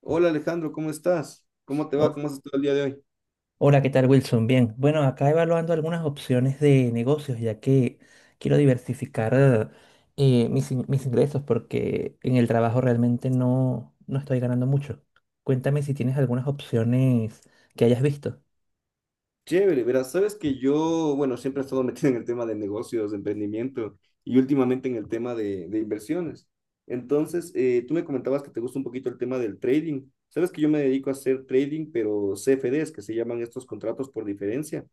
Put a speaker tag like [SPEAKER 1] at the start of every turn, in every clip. [SPEAKER 1] Hola Alejandro, ¿cómo estás? ¿Cómo te va?
[SPEAKER 2] Ho-
[SPEAKER 1] ¿Cómo has estado el día de hoy?
[SPEAKER 2] hola, ¿qué tal, Wilson? Bien. Bueno, acá evaluando algunas opciones de negocios, ya que quiero diversificar mis ingresos, porque en el trabajo realmente no estoy ganando mucho. Cuéntame si tienes algunas opciones que hayas visto.
[SPEAKER 1] Chévere, verás, sabes que yo, bueno, siempre he estado metido en el tema de negocios, de emprendimiento y últimamente en el tema de inversiones. Entonces, tú me comentabas que te gusta un poquito el tema del trading. Sabes que yo me dedico a hacer trading, pero CFDs, que se llaman estos contratos por diferencia.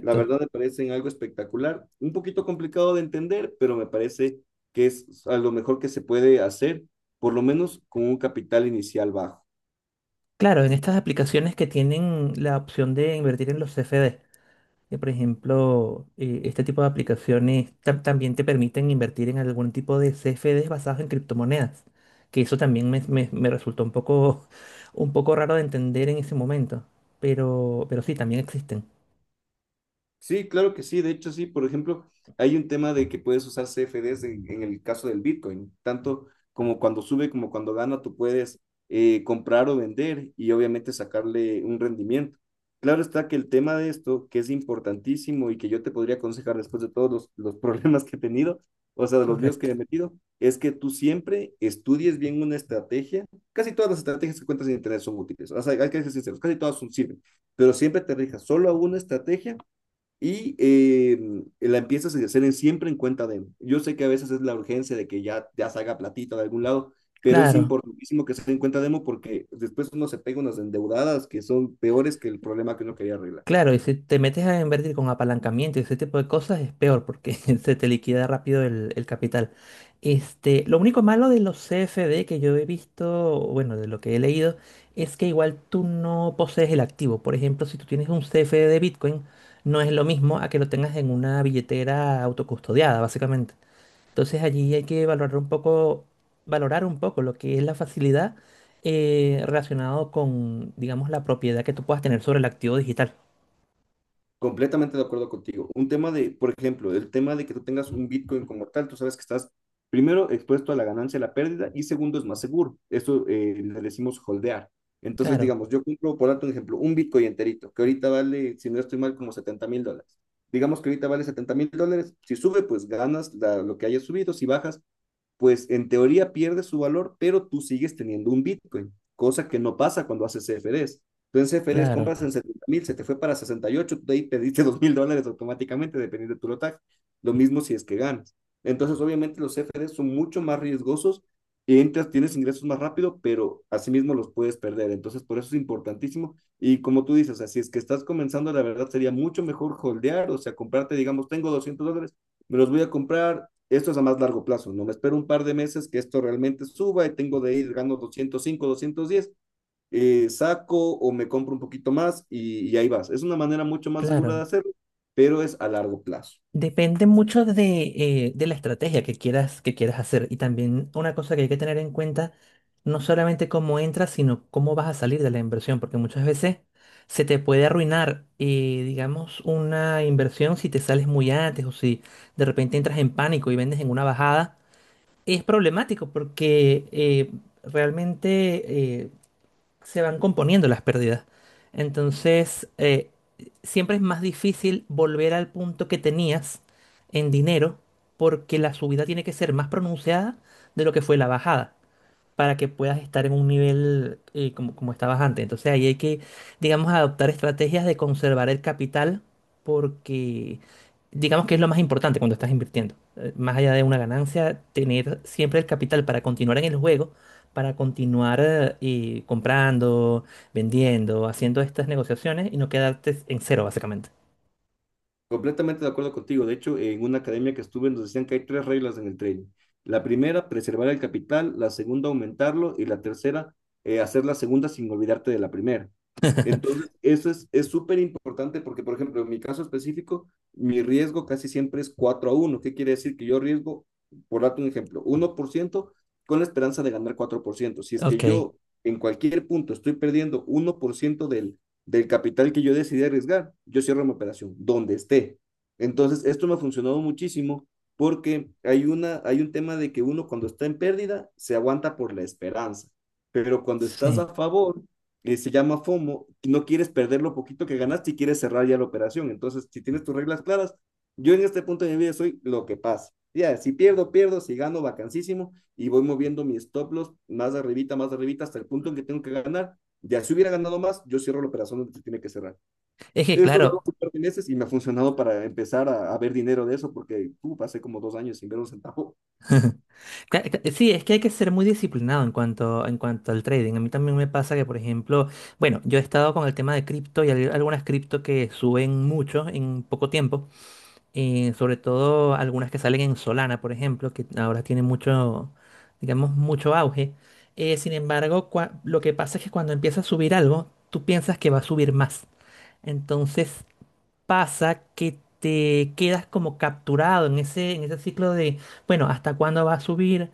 [SPEAKER 1] La verdad me parecen algo espectacular, un poquito complicado de entender, pero me parece que es a lo mejor que se puede hacer, por lo menos con un capital inicial bajo.
[SPEAKER 2] Claro, en estas aplicaciones que tienen la opción de invertir en los CFD, que, por ejemplo, este tipo de aplicaciones también te permiten invertir en algún tipo de CFDs basados en criptomonedas, que eso también me resultó un poco, un poco raro de entender en ese momento, pero sí, también existen.
[SPEAKER 1] Sí, claro que sí. De hecho, sí. Por ejemplo, hay un tema de que puedes usar CFDs en el caso del Bitcoin. Tanto como cuando sube como cuando gana, tú puedes comprar o vender y obviamente sacarle un rendimiento. Claro está que el tema de esto, que es importantísimo y que yo te podría aconsejar después de todos los problemas que he tenido, o sea, de los líos que
[SPEAKER 2] Correcto.
[SPEAKER 1] me he metido, es que tú siempre estudies bien una estrategia. Casi todas las estrategias que cuentas en Internet son útiles. O sea, hay que ser sinceros, casi todas son, sirven. Pero siempre te rijas solo a una estrategia y la empiezas a hacer siempre en cuenta de. Yo sé que a veces es la urgencia de que ya salga platita de algún lado, pero es
[SPEAKER 2] Claro.
[SPEAKER 1] importantísimo que se den cuenta demo porque después uno se pega unas endeudadas que son peores que el problema que uno quería arreglar.
[SPEAKER 2] Claro, y si te metes a invertir con apalancamiento y ese tipo de cosas es peor porque se te liquida rápido el capital. Este, lo único malo de los CFD que yo he visto, bueno, de lo que he leído, es que igual tú no posees el activo. Por ejemplo, si tú tienes un CFD de Bitcoin, no es lo mismo a que lo tengas en una billetera autocustodiada, básicamente. Entonces allí hay que valorar un poco lo que es la facilidad relacionado con, digamos, la propiedad que tú puedas tener sobre el activo digital.
[SPEAKER 1] Completamente de acuerdo contigo. Un tema de, por ejemplo, el tema de que tú tengas un Bitcoin como tal, tú sabes que estás primero expuesto a la ganancia, y la pérdida y segundo es más seguro. Esto le decimos holdear. Entonces,
[SPEAKER 2] Claro,
[SPEAKER 1] digamos, yo compro, por darte un ejemplo, un Bitcoin enterito, que ahorita vale, si no estoy mal, como $70.000. Digamos que ahorita vale $70.000. Si sube, pues ganas lo que haya subido. Si bajas, pues en teoría pierde su valor, pero tú sigues teniendo un Bitcoin, cosa que no pasa cuando haces CFDs. Tú en CFDs
[SPEAKER 2] claro,
[SPEAKER 1] compras en 70.000, se te fue para 68, tú de ahí pediste $2.000 automáticamente, dependiendo de tu lotaje. Lo mismo si es que ganas. Entonces, obviamente, los CFDs son mucho más riesgosos y entras, tienes ingresos más rápido, pero asimismo los puedes perder. Entonces, por eso es importantísimo. Y como tú dices, o sea, si es que estás comenzando, la verdad sería mucho mejor holdear, o sea, comprarte, digamos, tengo $200, me los voy a comprar. Esto es a más largo plazo, no me espero un par de meses que esto realmente suba y tengo de ir ganando 205, 210, saco o me compro un poquito más y ahí vas. Es una manera mucho más segura de
[SPEAKER 2] claro.
[SPEAKER 1] hacerlo, pero es a largo plazo.
[SPEAKER 2] Depende mucho de la estrategia que quieras hacer. Y también una cosa que hay que tener en cuenta, no solamente cómo entras, sino cómo vas a salir de la inversión, porque muchas veces se te puede arruinar, digamos, una inversión si te sales muy antes o si de repente entras en pánico y vendes en una bajada. Es problemático porque realmente se van componiendo las pérdidas. Entonces, siempre es más difícil volver al punto que tenías en dinero porque la subida tiene que ser más pronunciada de lo que fue la bajada para que puedas estar en un nivel como, como estabas antes. Entonces ahí hay que, digamos, adoptar estrategias de conservar el capital porque digamos que es lo más importante cuando estás invirtiendo. Más allá de una ganancia, tener siempre el capital para continuar en el juego, para continuar y comprando, vendiendo, haciendo estas negociaciones y no quedarte en cero, básicamente.
[SPEAKER 1] Completamente de acuerdo contigo. De hecho, en una academia que estuve nos decían que hay 3 reglas en el trading. La primera, preservar el capital; la segunda, aumentarlo; y la tercera, hacer la segunda sin olvidarte de la primera. Entonces, eso es súper importante porque, por ejemplo, en mi caso específico, mi riesgo casi siempre es 4 a 1. ¿Qué quiere decir? Que yo riesgo, por darte un ejemplo, 1% con la esperanza de ganar 4%. Si es que
[SPEAKER 2] Ok,
[SPEAKER 1] yo en cualquier punto estoy perdiendo 1% del capital que yo decidí arriesgar, yo cierro mi operación, donde esté. Entonces, esto me ha funcionado muchísimo porque hay un tema de que uno cuando está en pérdida se aguanta por la esperanza, pero cuando estás a
[SPEAKER 2] sí.
[SPEAKER 1] favor, se llama FOMO, no quieres perder lo poquito que ganaste y quieres cerrar ya la operación. Entonces, si tienes tus reglas claras, yo en este punto de mi vida soy lo que pasa. Ya, si pierdo, pierdo; si gano, vacancísimo, y voy moviendo mis stop loss más arribita, hasta el punto en que tengo que ganar, ya si hubiera ganado más, yo cierro la operación donde se tiene que cerrar.
[SPEAKER 2] Es que
[SPEAKER 1] Eso lo hago
[SPEAKER 2] claro,
[SPEAKER 1] por meses y me ha funcionado para empezar a ver dinero de eso, porque pasé como 2 años sin ver un centavo.
[SPEAKER 2] sí, es que hay que ser muy disciplinado en cuanto al trading. A mí también me pasa que, por ejemplo, bueno, yo he estado con el tema de cripto y hay algunas cripto que suben mucho en poco tiempo. Sobre todo algunas que salen en Solana, por ejemplo, que ahora tienen mucho, digamos, mucho auge. Sin embargo, lo que pasa es que cuando empieza a subir algo, tú piensas que va a subir más. Entonces pasa que te quedas como capturado en ese ciclo de, bueno, ¿hasta cuándo va a subir?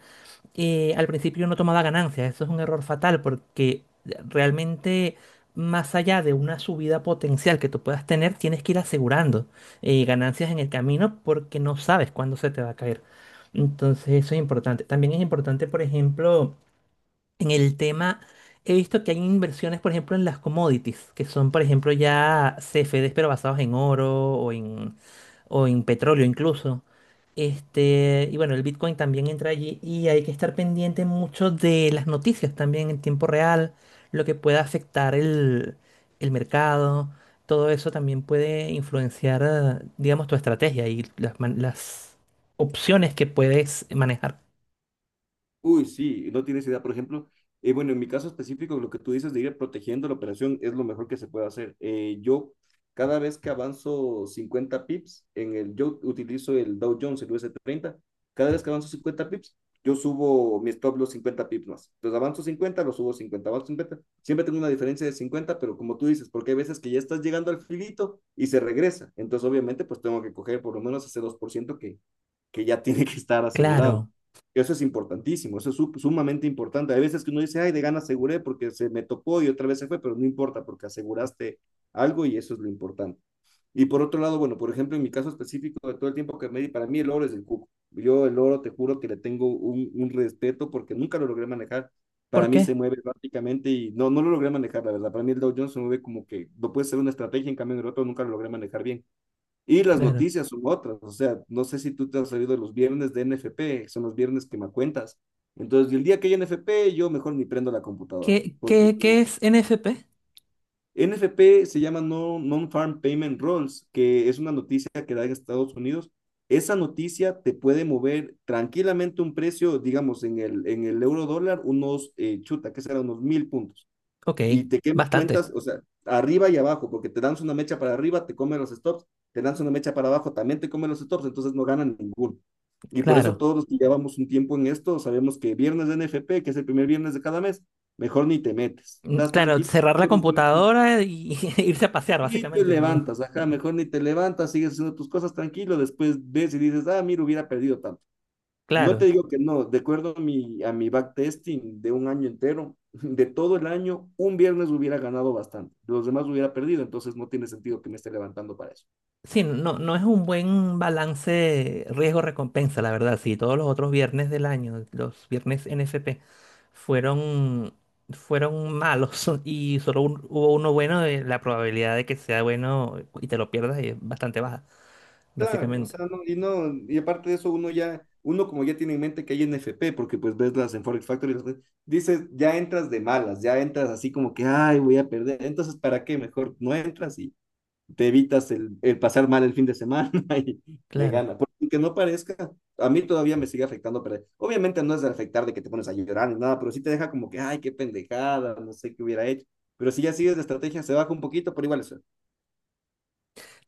[SPEAKER 2] Al principio no tomaba ganancias. Eso es un error fatal porque realmente más allá de una subida potencial que tú puedas tener, tienes que ir asegurando ganancias en el camino porque no sabes cuándo se te va a caer. Entonces eso es importante. También es importante, por ejemplo, en el tema, he visto que hay inversiones, por ejemplo, en las commodities, que son, por ejemplo, ya CFDs pero basados en oro o en petróleo incluso. Este, y bueno, el Bitcoin también entra allí y hay que estar pendiente mucho de las noticias también en tiempo real, lo que pueda afectar el mercado, todo eso también puede influenciar, digamos, tu estrategia y las opciones que puedes manejar.
[SPEAKER 1] Uy, sí, no tienes idea. Por ejemplo, bueno, en mi caso específico, lo que tú dices de ir protegiendo la operación es lo mejor que se puede hacer. Cada vez que avanzo 50 pips, en el, yo utilizo el Dow Jones, el US30. Cada vez que avanzo 50 pips, yo subo mi stop los 50 pips más. Entonces avanzo 50, lo subo 50. Avanzo 50, siempre tengo una diferencia de 50. Pero como tú dices, porque hay veces que ya estás llegando al filito y se regresa. Entonces, obviamente, pues tengo que coger por lo menos ese 2% que ya tiene que estar asegurado.
[SPEAKER 2] Claro.
[SPEAKER 1] Eso es importantísimo, eso es sumamente importante. Hay veces que uno dice, ay, de gana aseguré porque se me topó y otra vez se fue, pero no importa porque aseguraste algo y eso es lo importante. Y por otro lado, bueno, por ejemplo, en mi caso específico, de todo el tiempo que me di, para mí el oro es el cuco. Yo el oro, te juro que le tengo un respeto porque nunca lo logré manejar. Para
[SPEAKER 2] ¿Por
[SPEAKER 1] mí
[SPEAKER 2] qué?
[SPEAKER 1] se mueve prácticamente y no lo logré manejar, la verdad. Para mí el Dow Jones se mueve como que no puede ser una estrategia, en cambio en el otro nunca lo logré manejar bien. Y las
[SPEAKER 2] Claro.
[SPEAKER 1] noticias son otras, o sea, no sé si tú te has sabido de los viernes de NFP, son los viernes que me cuentas. Entonces, el día que hay NFP, yo mejor ni prendo la computadora,
[SPEAKER 2] ¿Qué,
[SPEAKER 1] porque
[SPEAKER 2] qué,
[SPEAKER 1] como
[SPEAKER 2] qué
[SPEAKER 1] que
[SPEAKER 2] es NFP?
[SPEAKER 1] NFP se llama no, Non-Farm Payment Rolls, que es una noticia que da en Estados Unidos. Esa noticia te puede mover tranquilamente un precio, digamos, en el euro dólar, unos, chuta, que será unos 1.000 puntos
[SPEAKER 2] Ok,
[SPEAKER 1] y te quema
[SPEAKER 2] bastante.
[SPEAKER 1] cuentas, o sea, arriba y abajo, porque te dan una mecha para arriba, te come los stops, te dan una mecha para abajo, también te come los stops, entonces no ganan ninguno. Y por eso
[SPEAKER 2] Claro.
[SPEAKER 1] todos los que llevamos un tiempo en esto, sabemos que viernes de NFP, que es el primer viernes de cada mes, mejor ni te metes.
[SPEAKER 2] Mm,
[SPEAKER 1] Estás
[SPEAKER 2] claro,
[SPEAKER 1] tranquilo,
[SPEAKER 2] cerrar la computadora y irse a pasear,
[SPEAKER 1] ni te
[SPEAKER 2] básicamente, ¿no?
[SPEAKER 1] levantas, ajá, mejor ni te levantas, sigues haciendo tus cosas tranquilo, después ves y dices, ah, mira, hubiera perdido tanto. No te
[SPEAKER 2] Claro,
[SPEAKER 1] digo que no, de acuerdo a mi backtesting de 1 año entero, de todo el año, un viernes hubiera ganado bastante, los demás hubiera perdido, entonces no tiene sentido que me esté levantando para eso.
[SPEAKER 2] sí, no, no es un buen balance riesgo-recompensa, la verdad. Si todos los otros viernes del año, los viernes NFP, fueron, fueron malos y hubo uno bueno, la probabilidad de que sea bueno y te lo pierdas es bastante baja,
[SPEAKER 1] Claro, o
[SPEAKER 2] básicamente.
[SPEAKER 1] sea, no, y no, y aparte de eso, uno ya, uno como ya tiene en mente que hay NFP, porque pues ves las en Forex Factory, dices, ya entras de malas, ya entras así como que, ay, voy a perder, entonces, ¿para qué? Mejor no entras y te evitas el pasar mal el fin de semana y de
[SPEAKER 2] Claro.
[SPEAKER 1] gana. Porque no parezca, a mí todavía me sigue afectando, pero obviamente no es de afectar de que te pones a llorar ni nada, pero sí te deja como que, ay, qué pendejada, no sé qué hubiera hecho. Pero si ya sigues la estrategia, se baja un poquito, pero igual es.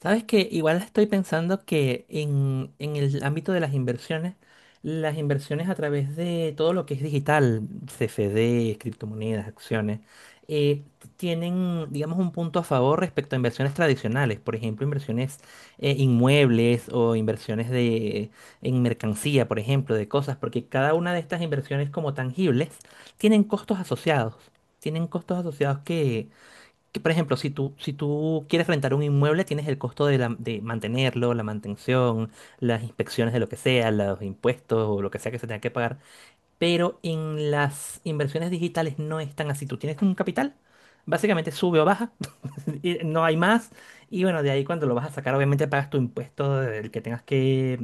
[SPEAKER 2] Sabes que igual estoy pensando que en el ámbito de las inversiones a través de todo lo que es digital, CFD, criptomonedas, acciones, eh, tienen, digamos, un punto a favor respecto a inversiones tradicionales, por ejemplo, inversiones inmuebles o inversiones de, en mercancía, por ejemplo, de cosas, porque cada una de estas inversiones como tangibles tienen costos asociados. Tienen costos asociados que, por ejemplo, si tú, si tú quieres rentar un inmueble, tienes el costo de, de mantenerlo, la mantención, las inspecciones de lo que sea, los impuestos o lo que sea que se tenga que pagar, pero en las inversiones digitales no es tan así. Tú tienes un capital, básicamente sube o baja, y no hay más. Y bueno, de ahí cuando lo vas a sacar, obviamente pagas tu impuesto del que tengas que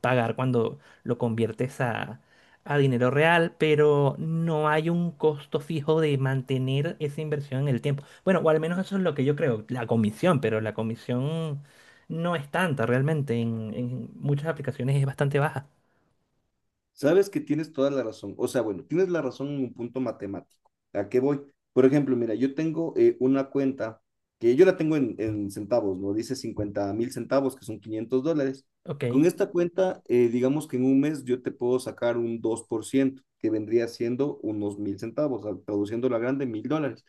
[SPEAKER 2] pagar cuando lo conviertes a dinero real, pero no hay un costo fijo de mantener esa inversión en el tiempo. Bueno, o al menos eso es lo que yo creo, la comisión, pero la comisión no es tanta realmente, en muchas aplicaciones es bastante baja.
[SPEAKER 1] Sabes que tienes toda la razón. O sea, bueno, tienes la razón en un punto matemático. ¿A qué voy? Por ejemplo, mira, yo tengo una cuenta que yo la tengo en centavos, ¿no? Dice 50.000 centavos, que son $500.
[SPEAKER 2] Ok,
[SPEAKER 1] Con esta cuenta, digamos que en un mes yo te puedo sacar un 2%, que vendría siendo unos 1.000 centavos, traduciéndolo a grande, $1.000.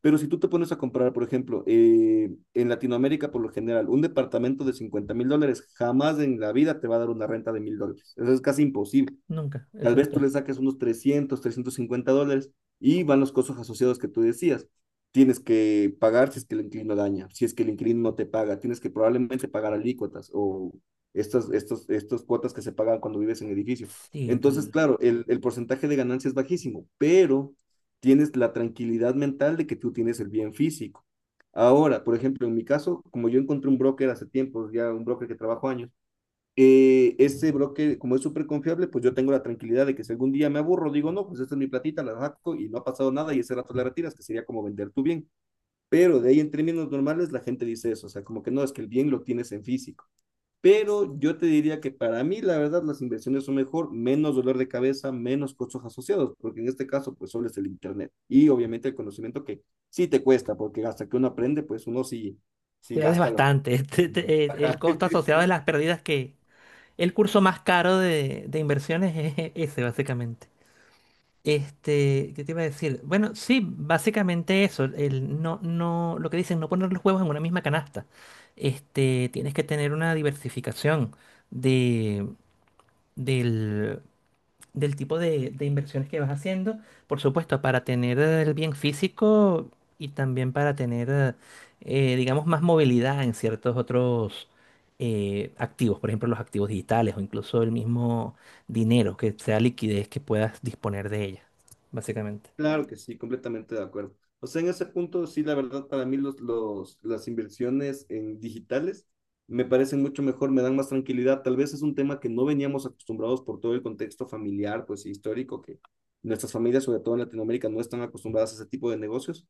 [SPEAKER 1] Pero si tú te pones a comprar, por ejemplo, en Latinoamérica, por lo general, un departamento de $50.000 jamás en la vida te va a dar una renta de $1.000. Eso es casi imposible.
[SPEAKER 2] nunca,
[SPEAKER 1] Tal vez tú
[SPEAKER 2] exacto.
[SPEAKER 1] le saques unos $300-350 y van los costos asociados que tú decías. Tienes que pagar si es que el inquilino daña, si es que el inquilino no te paga, tienes que probablemente pagar alícuotas o estos cuotas que se pagan cuando vives en el edificio.
[SPEAKER 2] Sí,
[SPEAKER 1] Entonces, claro, el porcentaje de ganancia es bajísimo, pero tienes la tranquilidad mental de que tú tienes el bien físico. Ahora, por ejemplo, en mi caso, como yo encontré un broker hace tiempo, ya un broker que trabajo años, este broker, como es súper confiable, pues yo tengo la tranquilidad de que si algún día me aburro, digo, no, pues esta es mi platita, la saco y no ha pasado nada y ese rato la retiras, que sería como vender tu bien. Pero de ahí en términos normales la gente dice eso, o sea, como que no, es que el bien lo tienes en físico. Pero yo te diría que para mí, la verdad, las inversiones son mejor, menos dolor de cabeza, menos costos asociados, porque en este caso, pues solo es el Internet. Y obviamente el conocimiento que sí te cuesta, porque hasta que uno aprende, pues uno sí, sí
[SPEAKER 2] pierdes
[SPEAKER 1] gasta lo
[SPEAKER 2] bastante.
[SPEAKER 1] que.
[SPEAKER 2] El
[SPEAKER 1] Ajá.
[SPEAKER 2] costo asociado de las pérdidas que... El curso más caro de inversiones es ese, básicamente. Este, ¿qué te iba a decir? Bueno, sí, básicamente eso. El no, no, lo que dicen, no poner los huevos en una misma canasta. Este, tienes que tener una diversificación de, del del tipo de inversiones que vas haciendo, por supuesto, para tener el bien físico y también para tener, digamos, más movilidad en ciertos otros activos, por ejemplo, los activos digitales o incluso el mismo dinero, que sea liquidez que puedas disponer de ella, básicamente.
[SPEAKER 1] Claro que sí, completamente de acuerdo. O sea, en ese punto, sí, la verdad, para mí las inversiones en digitales me parecen mucho mejor, me dan más tranquilidad. Tal vez es un tema que no veníamos acostumbrados por todo el contexto familiar, pues histórico, que nuestras familias, sobre todo en Latinoamérica, no están acostumbradas a ese tipo de negocios.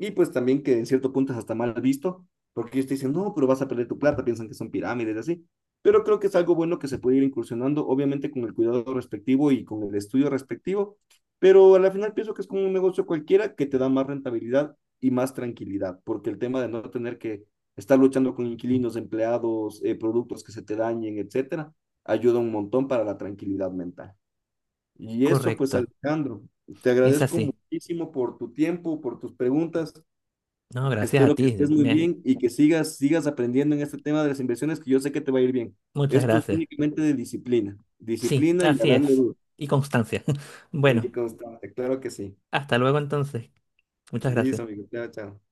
[SPEAKER 1] Y pues también que en cierto punto es hasta mal visto, porque ellos te dicen, no, pero vas a perder tu plata, piensan que son pirámides, y así. Pero creo que es algo bueno que se puede ir incursionando, obviamente con el cuidado respectivo y con el estudio respectivo, pero al final pienso que es como un negocio cualquiera que te da más rentabilidad y más tranquilidad, porque el tema de no tener que estar luchando con inquilinos, empleados, productos que se te dañen, etcétera, ayuda un montón para la tranquilidad mental. Y eso, pues,
[SPEAKER 2] Correcto,
[SPEAKER 1] Alejandro, te
[SPEAKER 2] es
[SPEAKER 1] agradezco
[SPEAKER 2] así.
[SPEAKER 1] muchísimo por tu tiempo, por tus preguntas.
[SPEAKER 2] No, gracias a
[SPEAKER 1] Espero que
[SPEAKER 2] ti,
[SPEAKER 1] estés muy bien y que sigas aprendiendo en este tema de las inversiones, que yo sé que te va a ir bien.
[SPEAKER 2] muchas
[SPEAKER 1] Esto es
[SPEAKER 2] gracias.
[SPEAKER 1] únicamente de disciplina,
[SPEAKER 2] Sí,
[SPEAKER 1] disciplina y a
[SPEAKER 2] así
[SPEAKER 1] darle
[SPEAKER 2] es.
[SPEAKER 1] duro
[SPEAKER 2] Y constancia.
[SPEAKER 1] y
[SPEAKER 2] Bueno,
[SPEAKER 1] constante, claro que sí.
[SPEAKER 2] hasta luego entonces. Muchas
[SPEAKER 1] Listo,
[SPEAKER 2] gracias.
[SPEAKER 1] amigo. Chao, chao.